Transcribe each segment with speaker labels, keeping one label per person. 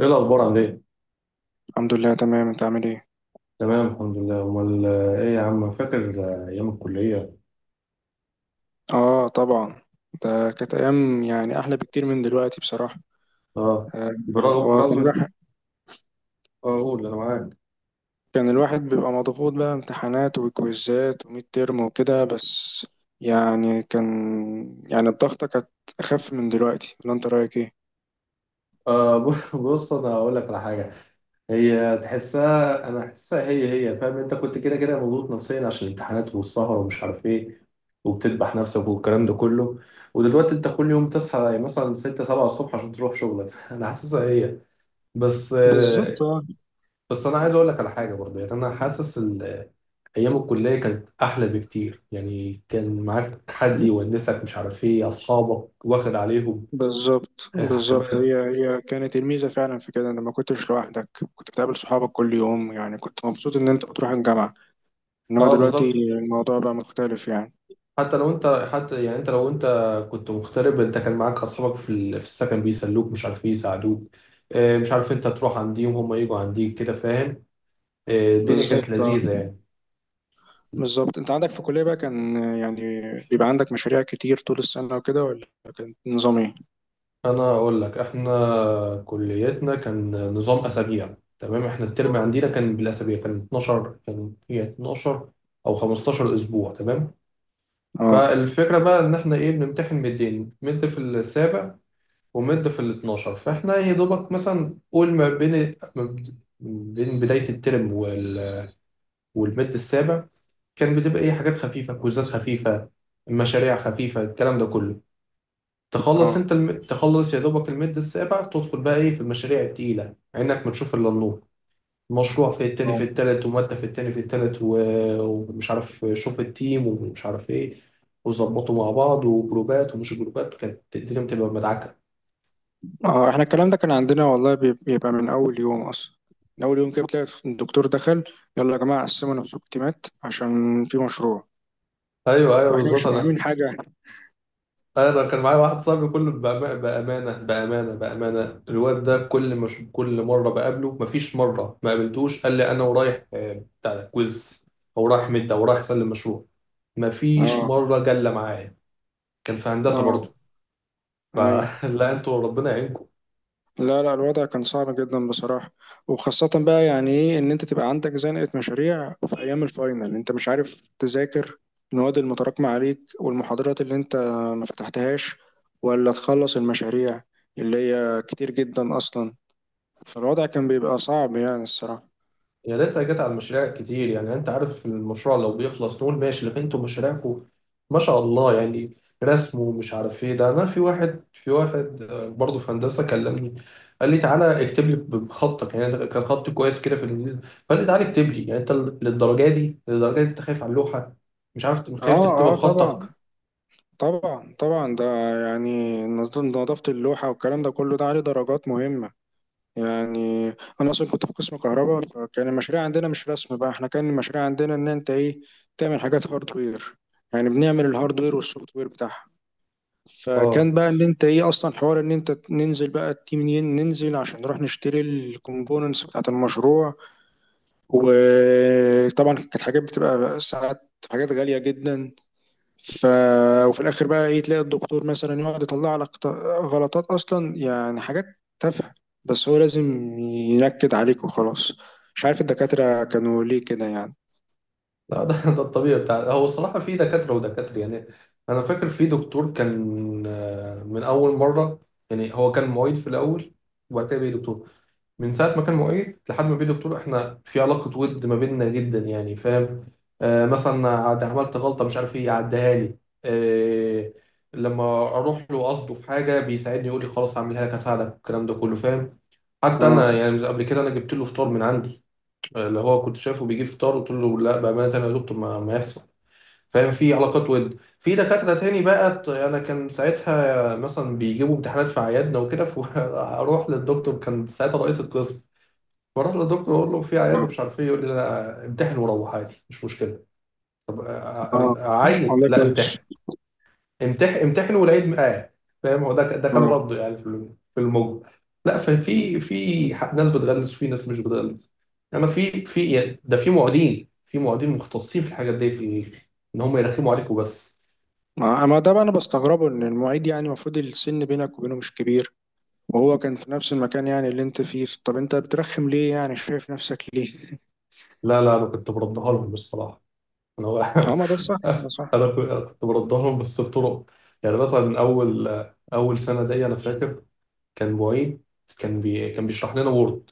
Speaker 1: ايه الاخبار؟ عامل ايه؟
Speaker 2: الحمد لله، تمام. انت عامل ايه؟
Speaker 1: تمام الحمد لله. امال ايه يا عم؟ فاكر ايام الكليه؟
Speaker 2: اه، طبعا. ده كانت ايام يعني احلى بكتير من دلوقتي بصراحه.
Speaker 1: اه.
Speaker 2: آه،
Speaker 1: برغم
Speaker 2: هو كان
Speaker 1: برغم
Speaker 2: الواحد
Speaker 1: قول انا معاك.
Speaker 2: كان الواحد بيبقى مضغوط بقى امتحانات وكويزات وميد ترم وكده. بس يعني كان يعني الضغطه كانت اخف من دلوقتي، ولا انت رايك ايه؟
Speaker 1: بص، انا هقول لك على حاجه. هي تحسها انا احسها، هي فاهم. انت كنت كده كده مضغوط نفسيا عشان الامتحانات والسهر ومش عارف ايه، وبتذبح نفسك والكلام ده كله. ودلوقتي انت كل يوم تصحى مثلا 6 7 الصبح عشان تروح شغلك. انا حاسسها هي بس
Speaker 2: بالظبط، اه.
Speaker 1: بس انا عايز اقول لك على حاجه برضه، يعني انا حاسس ايام الكليه كانت احلى بكتير. يعني كان معاك حد يونسك، مش عارف ايه، اصحابك واخد عليهم،
Speaker 2: بالظبط، بالظبط،
Speaker 1: كمان.
Speaker 2: هي هي كانت الميزه فعلا في كده، ان ما كنتش لوحدك. كنت بتقابل صحابك كل يوم، يعني كنت مبسوط ان انت بتروح الجامعه. انما
Speaker 1: اه،
Speaker 2: دلوقتي
Speaker 1: بالظبط.
Speaker 2: الموضوع بقى مختلف يعني.
Speaker 1: حتى يعني لو انت كنت مغترب، انت كان معاك اصحابك في السكن، بيسلوك، مش عارف ايه، يساعدوك. مش عارف انت تروح عنديهم، هم يجوا عنديك كده، فاهم. الدنيا كانت
Speaker 2: بالظبط،
Speaker 1: لذيذه يعني.
Speaker 2: بالظبط. انت عندك في الكلية بقى، كان يعني بيبقى عندك مشاريع كتير طول السنة وكده، ولا كان نظام ايه؟
Speaker 1: انا اقول لك، احنا كليتنا كان نظام اسابيع. تمام. احنا الترم عندنا كان بالاسابيع، كان 12، كان 12 او 15 اسبوع. تمام.
Speaker 2: اه،
Speaker 1: فالفكره بقى، ان احنا ايه، بنمتحن مدين، مد في السابع ومد في ال 12. فاحنا يا دوبك مثلا قول، ما بين بدايه الترم والمد السابع كان بتبقى ايه، حاجات خفيفه، كوزات خفيفه، مشاريع خفيفه، الكلام ده كله.
Speaker 2: اه،
Speaker 1: تخلص يا دوبك المد السابع، تدخل بقى ايه في المشاريع التقيلة، عينك ما تشوف الا النور. مشروع في التاني في
Speaker 2: اه،
Speaker 1: التالت، ومادة في التاني في التالت، و... ومش عارف شوف التيم، ومش عارف ايه، وظبطوا مع بعض، وجروبات ومش جروبات، كانت الدنيا بتبقى مدعكة.
Speaker 2: اه. احنا الكلام ده كان عندنا والله، بيبقى من اول يوم اصلا. من اول يوم كده بتلاقي الدكتور دخل: يلا يا جماعة، قسموا نفسكم تيمات عشان في مشروع.
Speaker 1: ايوه ايوه،
Speaker 2: واحنا مش
Speaker 1: بالظبط. انا
Speaker 2: فاهمين حاجة.
Speaker 1: انا كان معايا واحد صاحبي، كله بامانه بامانه بامانه، الواد ده كل ما أشوف- كل مره بقابله، مفيش مره ما قابلتوش قال لي انا ورايح بتاع ده، كويز، او رايح مد، او رايح اسلم مشروع. مفيش
Speaker 2: اه،
Speaker 1: مرة جلة معايا. كان في هندسة
Speaker 2: اه،
Speaker 1: برضه.
Speaker 2: ايوه.
Speaker 1: فلا، انتوا ربنا يعينكم.
Speaker 2: لا، لا، الوضع كان صعب جدا بصراحة. وخاصة بقى يعني ايه، ان انت تبقى عندك زنقة مشاريع في ايام الفاينل، انت مش عارف تذاكر المواد المتراكمة عليك والمحاضرات اللي انت ما فتحتهاش، ولا تخلص المشاريع اللي هي كتير جدا اصلا. فالوضع كان بيبقى صعب يعني الصراحة.
Speaker 1: يا ريتها جت على المشاريع كتير. يعني انت عارف، المشروع لو بيخلص نقول ماشي، لكن انتوا مشاريعكم ما شاء الله يعني، رسم ومش عارف ايه. ده انا في واحد برضه في هندسة كلمني، قال لي تعالى اكتب لي بخطك، يعني ده كان خط كويس كده في الانجليزي. فقال لي تعالى اكتب لي. يعني انت للدرجة دي، للدرجة دي انت خايف على اللوحة؟ مش عارف،
Speaker 2: اه،
Speaker 1: خايف تكتبها
Speaker 2: اه، طبعا،
Speaker 1: بخطك.
Speaker 2: طبعا، طبعا. ده يعني نظافة اللوحة والكلام ده كله، ده عليه درجات مهمة يعني. انا اصلا كنت في قسم كهرباء، فكان المشاريع عندنا مش رسم، بقى احنا كان المشاريع عندنا ان انت ايه، تعمل حاجات هاردوير. يعني بنعمل الهاردوير والسوفت وير بتاعها.
Speaker 1: اه.
Speaker 2: فكان بقى ان انت ايه اصلا، حوار ان انت ننزل بقى التيم، ننزل عشان نروح نشتري الكومبوننتس بتاعت المشروع. وطبعا كانت حاجات بتبقى ساعات حاجات غالية جدا. ف... وفي الاخر بقى ايه، تلاقي الدكتور مثلا يقعد يطلع لك غلطات اصلا، يعني حاجات تافهه، بس هو لازم ينكد عليك وخلاص. مش عارف الدكاتره كانوا ليه كده يعني.
Speaker 1: لا ده ده الطبيعي بتاع، هو الصراحة في دكاترة ودكاترة يعني. أنا فاكر في دكتور كان من أول مرة، يعني هو كان معيد في الأول وبعد كده بقى دكتور. من ساعة ما كان معيد لحد ما بقى دكتور، إحنا في علاقة ود ما بيننا جدا، يعني فاهم. آه، مثلا عملت غلطة، مش عارف إيه، يعديها لي. آه. لما أروح له قصده في حاجة بيساعدني، يقول لي خلاص هعملها لك، هساعدك، الكلام ده كله، فاهم. حتى أنا
Speaker 2: اه،
Speaker 1: يعني قبل كده أنا جبت له فطار من عندي، اللي هو كنت شايفه بيجيب فطار، قلت له لا بامانه انا يا دكتور ما يحصل. فاهم، في علاقات ود. في دكاتره تاني بقى، انا كان ساعتها مثلا بيجيبوا امتحانات في عيادنا وكده، فاروح للدكتور، كان ساعتها رئيس القسم، بروح للدكتور اقول له في عياد
Speaker 2: اه،
Speaker 1: ومش عارف ايه، يقول لي لا امتحن وروح عادي، مش مشكله.
Speaker 2: اه.
Speaker 1: اعيد؟
Speaker 2: والله
Speaker 1: لا
Speaker 2: كويس.
Speaker 1: امتحن امتحن امتحن، والعيد معاه. فاهم، هو ده كان
Speaker 2: اه،
Speaker 1: رده يعني، في الموج. لا، ففي، ناس بتغلس وفي ناس مش بتغلس. انما في يعني، ده في معيدين، مختصين في الحاجات دي، ان هم يرخموا عليكم بس.
Speaker 2: ما ده بقى انا بستغربه، ان المعيد يعني المفروض السن بينك وبينه مش كبير، وهو كان في نفس المكان يعني اللي انت فيه. طب انت بترخم ليه يعني، شايف نفسك ليه؟
Speaker 1: لا لا، انا كنت بردها لهم بصراحه. انا
Speaker 2: اه، ما ده صح، ده صح.
Speaker 1: أنا كنت بردها لهم، بس بطرق. يعني مثلا، اول سنه دي، انا فاكر كان معيد، كان بيشرح لنا وورد،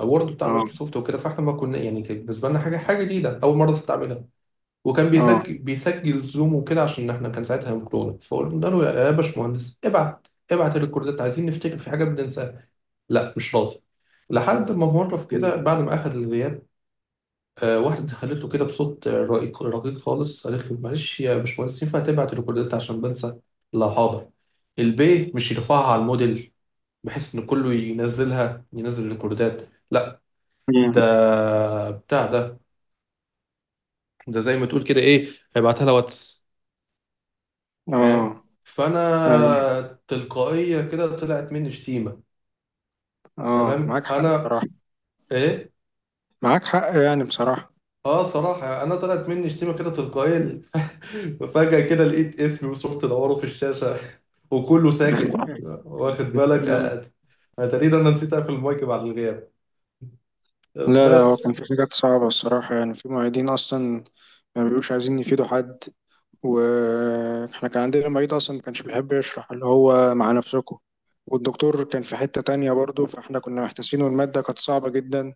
Speaker 1: بتاع
Speaker 2: اه،
Speaker 1: مايكروسوفت وكده. فاحنا ما كنا، يعني كان بالنسبه لنا حاجه جديده، اول مره تستعملها. وكان
Speaker 2: اه.
Speaker 1: بيسجل زوم وكده، عشان احنا كان ساعتها في كورونا. فقلنا له يا باشمهندس، ابعت الريكوردات، عايزين نفتكر في حاجه بننساها. لا مش راضي. لحد ما مره في كده، بعد ما اخذ الغياب، واحده قالت له كده بصوت رقيق رقيق خالص، قالت له معلش يا باشمهندس، ينفع تبعت الريكوردات عشان بنسى؟ لا حاضر، البي مش يرفعها على الموديل بحيث ان كله ينزلها، الريكوردات لا،
Speaker 2: مم.
Speaker 1: ده بتاع ده، ده زي ما تقول كده ايه، هيبعتها لها واتس. فاهم،
Speaker 2: اه،
Speaker 1: فانا تلقائيه كده طلعت مني شتيمه.
Speaker 2: اه،
Speaker 1: تمام.
Speaker 2: معاك حق
Speaker 1: انا،
Speaker 2: بصراحة،
Speaker 1: ايه،
Speaker 2: معاك حق يعني بصراحة.
Speaker 1: اه صراحه انا طلعت مني شتيمه كده تلقائيه. فجاه كده لقيت اسمي وصورتي دوره في الشاشه، وكله ساكت، واخد بالك انا تقريبا نسيت اقفل المايك بعد الغياب
Speaker 2: لا، لا، هو كان
Speaker 1: بس.
Speaker 2: في حاجات صعبة الصراحة، يعني في معيدين أصلا ما بيبقوش عايزين يفيدوا حد. وإحنا كان عندنا معيد أصلا ما كانش بيحب يشرح، اللي هو مع نفسكم، والدكتور كان في حتة تانية برضه، فإحنا كنا محتاسين والمادة كانت صعبة جدا.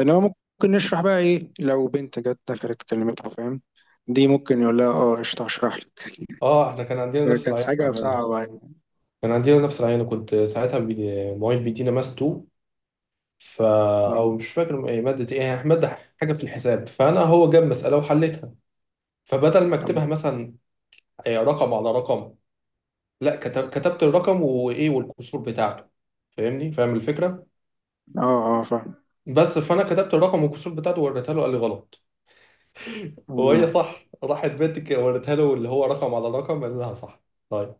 Speaker 2: إنما ممكن نشرح بقى إيه لو بنت جت دخلت كلمتها، فاهم؟ دي ممكن يقول لها اه قشطة، هشرح لك.
Speaker 1: اه، احنا كان عندنا نفس
Speaker 2: كانت
Speaker 1: العيان
Speaker 2: حاجة
Speaker 1: بامانه.
Speaker 2: صعبة يعني.
Speaker 1: كان عندنا نفس العيان، كنت ساعتها بيدي معيد بيدينا ماس 2، فا، او مش فاكر ايه ماده، حاجه في الحساب. فانا هو جاب مساله وحلتها، فبدل ما اكتبها مثلا رقم على رقم، لا كتبت الرقم والكسور بتاعته، فاهمني، فاهم الفكره
Speaker 2: اه، اه، آه،
Speaker 1: بس. فانا كتبت الرقم والكسور بتاعته ووريتها له، قال لي غلط، وهي
Speaker 2: فاهم.
Speaker 1: صح. راحت بنت وريتها له اللي هو رقم على رقم، قال لها صح. طيب،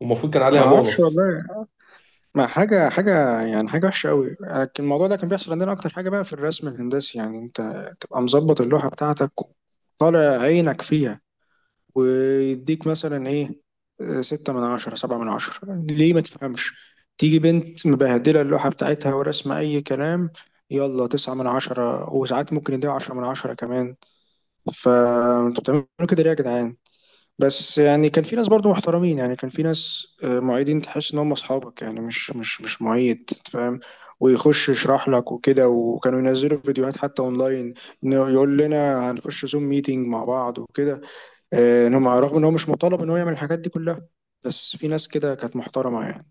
Speaker 1: والمفروض كان
Speaker 2: ما
Speaker 1: عليها
Speaker 2: اعرفش
Speaker 1: بونص.
Speaker 2: والله. ما حاجه حاجه يعني، حاجه وحشه قوي، لكن الموضوع ده كان بيحصل عندنا اكتر حاجه بقى في الرسم الهندسي. يعني انت تبقى مظبط اللوحه بتاعتك، طالع عينك فيها، ويديك مثلا ايه، 6/10، 7/10. ليه ما تفهمش؟ تيجي بنت مبهدلة اللوحة بتاعتها ورسمة أي كلام، يلا 9/10، وساعات ممكن يديها 10/10 كمان. فانتوا بتعملوا كده ليه يا جدعان؟ بس يعني كان في ناس برضو محترمين، يعني كان في ناس معيدين تحس ان هم اصحابك، يعني مش معيد، فاهم؟ ويخش يشرح لك وكده، وكانوا ينزلوا فيديوهات حتى اونلاين، انه يقول لنا هنخش زوم ميتنج مع بعض وكده. ان هم رغم ان هو مش مطالب ان هو يعمل الحاجات دي كلها، بس في ناس كده كانت محترمة يعني.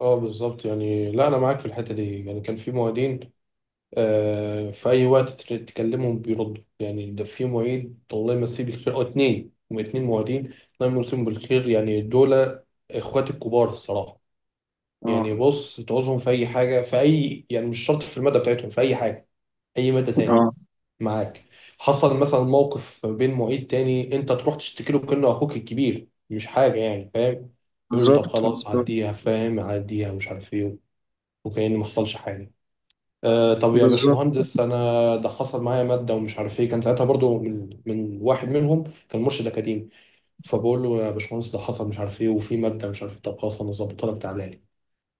Speaker 1: اه، بالظبط يعني. لا انا معاك في الحته دي، يعني كان في معيدين، آه، في اي وقت تكلمهم بيردوا. يعني ده في معيد الله يمسيه بالخير، او اتنين، هم اتنين معيدين الله يمسيهم بالخير، يعني دول اخواتي الكبار الصراحه.
Speaker 2: اه،
Speaker 1: يعني بص، تعوزهم في اي حاجه، في اي يعني مش شرط في الماده بتاعتهم، في اي حاجه، اي ماده تاني،
Speaker 2: اه،
Speaker 1: معاك. حصل مثلا موقف بين معيد تاني، انت تروح تشتكي له كانه اخوك الكبير، مش حاجه يعني، فاهم. يقول له طب
Speaker 2: بالظبط،
Speaker 1: خلاص
Speaker 2: بالظبط،
Speaker 1: عديها، فاهم، عديها، مش عارف ايه، وكأن ما حصلش حاجه. آه، طب يا
Speaker 2: بالظبط،
Speaker 1: باشمهندس انا ده حصل معايا ماده ومش عارف ايه، كان ساعتها برضو من واحد منهم، كان مرشد اكاديمي. فبقول له يا باشمهندس ده حصل مش عارف ايه، وفي ماده مش عارف ايه. طب خلاص انا ظبطها لك تعالى لي.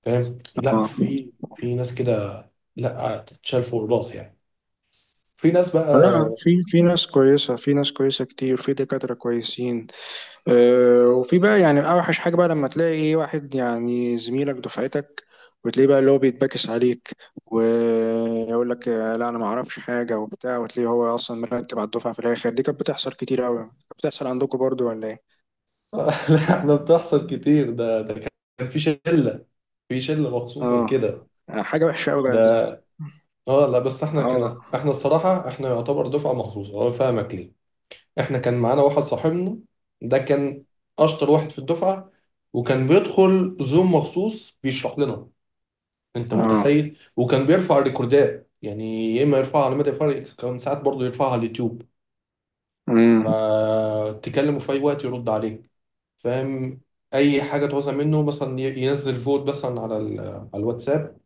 Speaker 1: فاهم، لا
Speaker 2: اه.
Speaker 1: في ناس كده لا تتشال فوق الراس يعني. في ناس
Speaker 2: لا،
Speaker 1: بقى.
Speaker 2: في ناس كويسة، في ناس كويسة كتير، في دكاترة كويسين. وفي بقى يعني اوحش حاجه بقى لما تلاقي ايه، واحد يعني زميلك دفعتك، وتلاقيه بقى اللي هو بيتباكس عليك، ويقول لك آه، لا انا ما اعرفش حاجه وبتاع، وتلاقيه هو اصلا مرتب على الدفعه في الاخر. دي كانت بتحصل كتير قوي، بتحصل عندكم برضو ولا ايه؟
Speaker 1: لا، احنا بتحصل كتير، ده كان في شله، مخصوصه
Speaker 2: اه،
Speaker 1: لكده.
Speaker 2: حاجه وحشه قوي
Speaker 1: ده،
Speaker 2: بقى دي.
Speaker 1: اه، لا بس احنا
Speaker 2: اه،
Speaker 1: كان، احنا الصراحه احنا يعتبر دفعه مخصوصه، اه، فاهمك ليه. احنا كان معانا واحد صاحبنا، ده كان اشطر واحد في الدفعه، وكان بيدخل زوم مخصوص بيشرح لنا. انت
Speaker 2: اه،
Speaker 1: متخيل، وكان بيرفع الريكوردات، يعني يا اما يرفعها على مدى الفرق، كان ساعات برضه يرفعها على اليوتيوب.
Speaker 2: امم،
Speaker 1: فتكلمه في أي وقت يرد عليك، فاهم، أي حاجة تعوزها منه، مثلا ينزل فوت مثلا على الواتساب،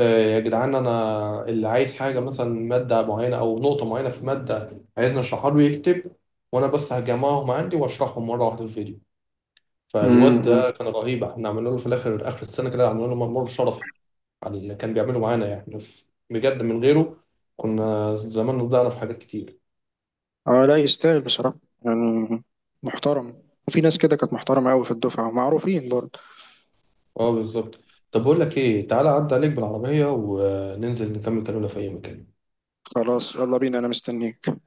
Speaker 1: يا جدعان أنا اللي عايز حاجة مثلا، مادة معينة أو نقطة معينة في مادة، عايزني أشرحها له، يكتب، وأنا بس هجمعهم عندي وأشرحهم مرة واحدة في الفيديو. فالواد
Speaker 2: امم.
Speaker 1: ده كان رهيب، احنا عملنا له في الآخر، آخر السنة كده عملنا له ممر شرفي على اللي كان بيعمله معانا يعني. بجد من غيره كنا زماننا ضيعنا في حاجات كتير.
Speaker 2: اه، لا يستاهل بصراحه يعني، محترم. وفي ناس كده كانت محترمه قوي في الدفعه ومعروفين برضه.
Speaker 1: اه، بالظبط. طب بقول لك ايه، تعالى عدى عليك بالعربية وننزل نكمل كلامنا في اي مكان.
Speaker 2: خلاص، يلا بينا، انا مستنيك.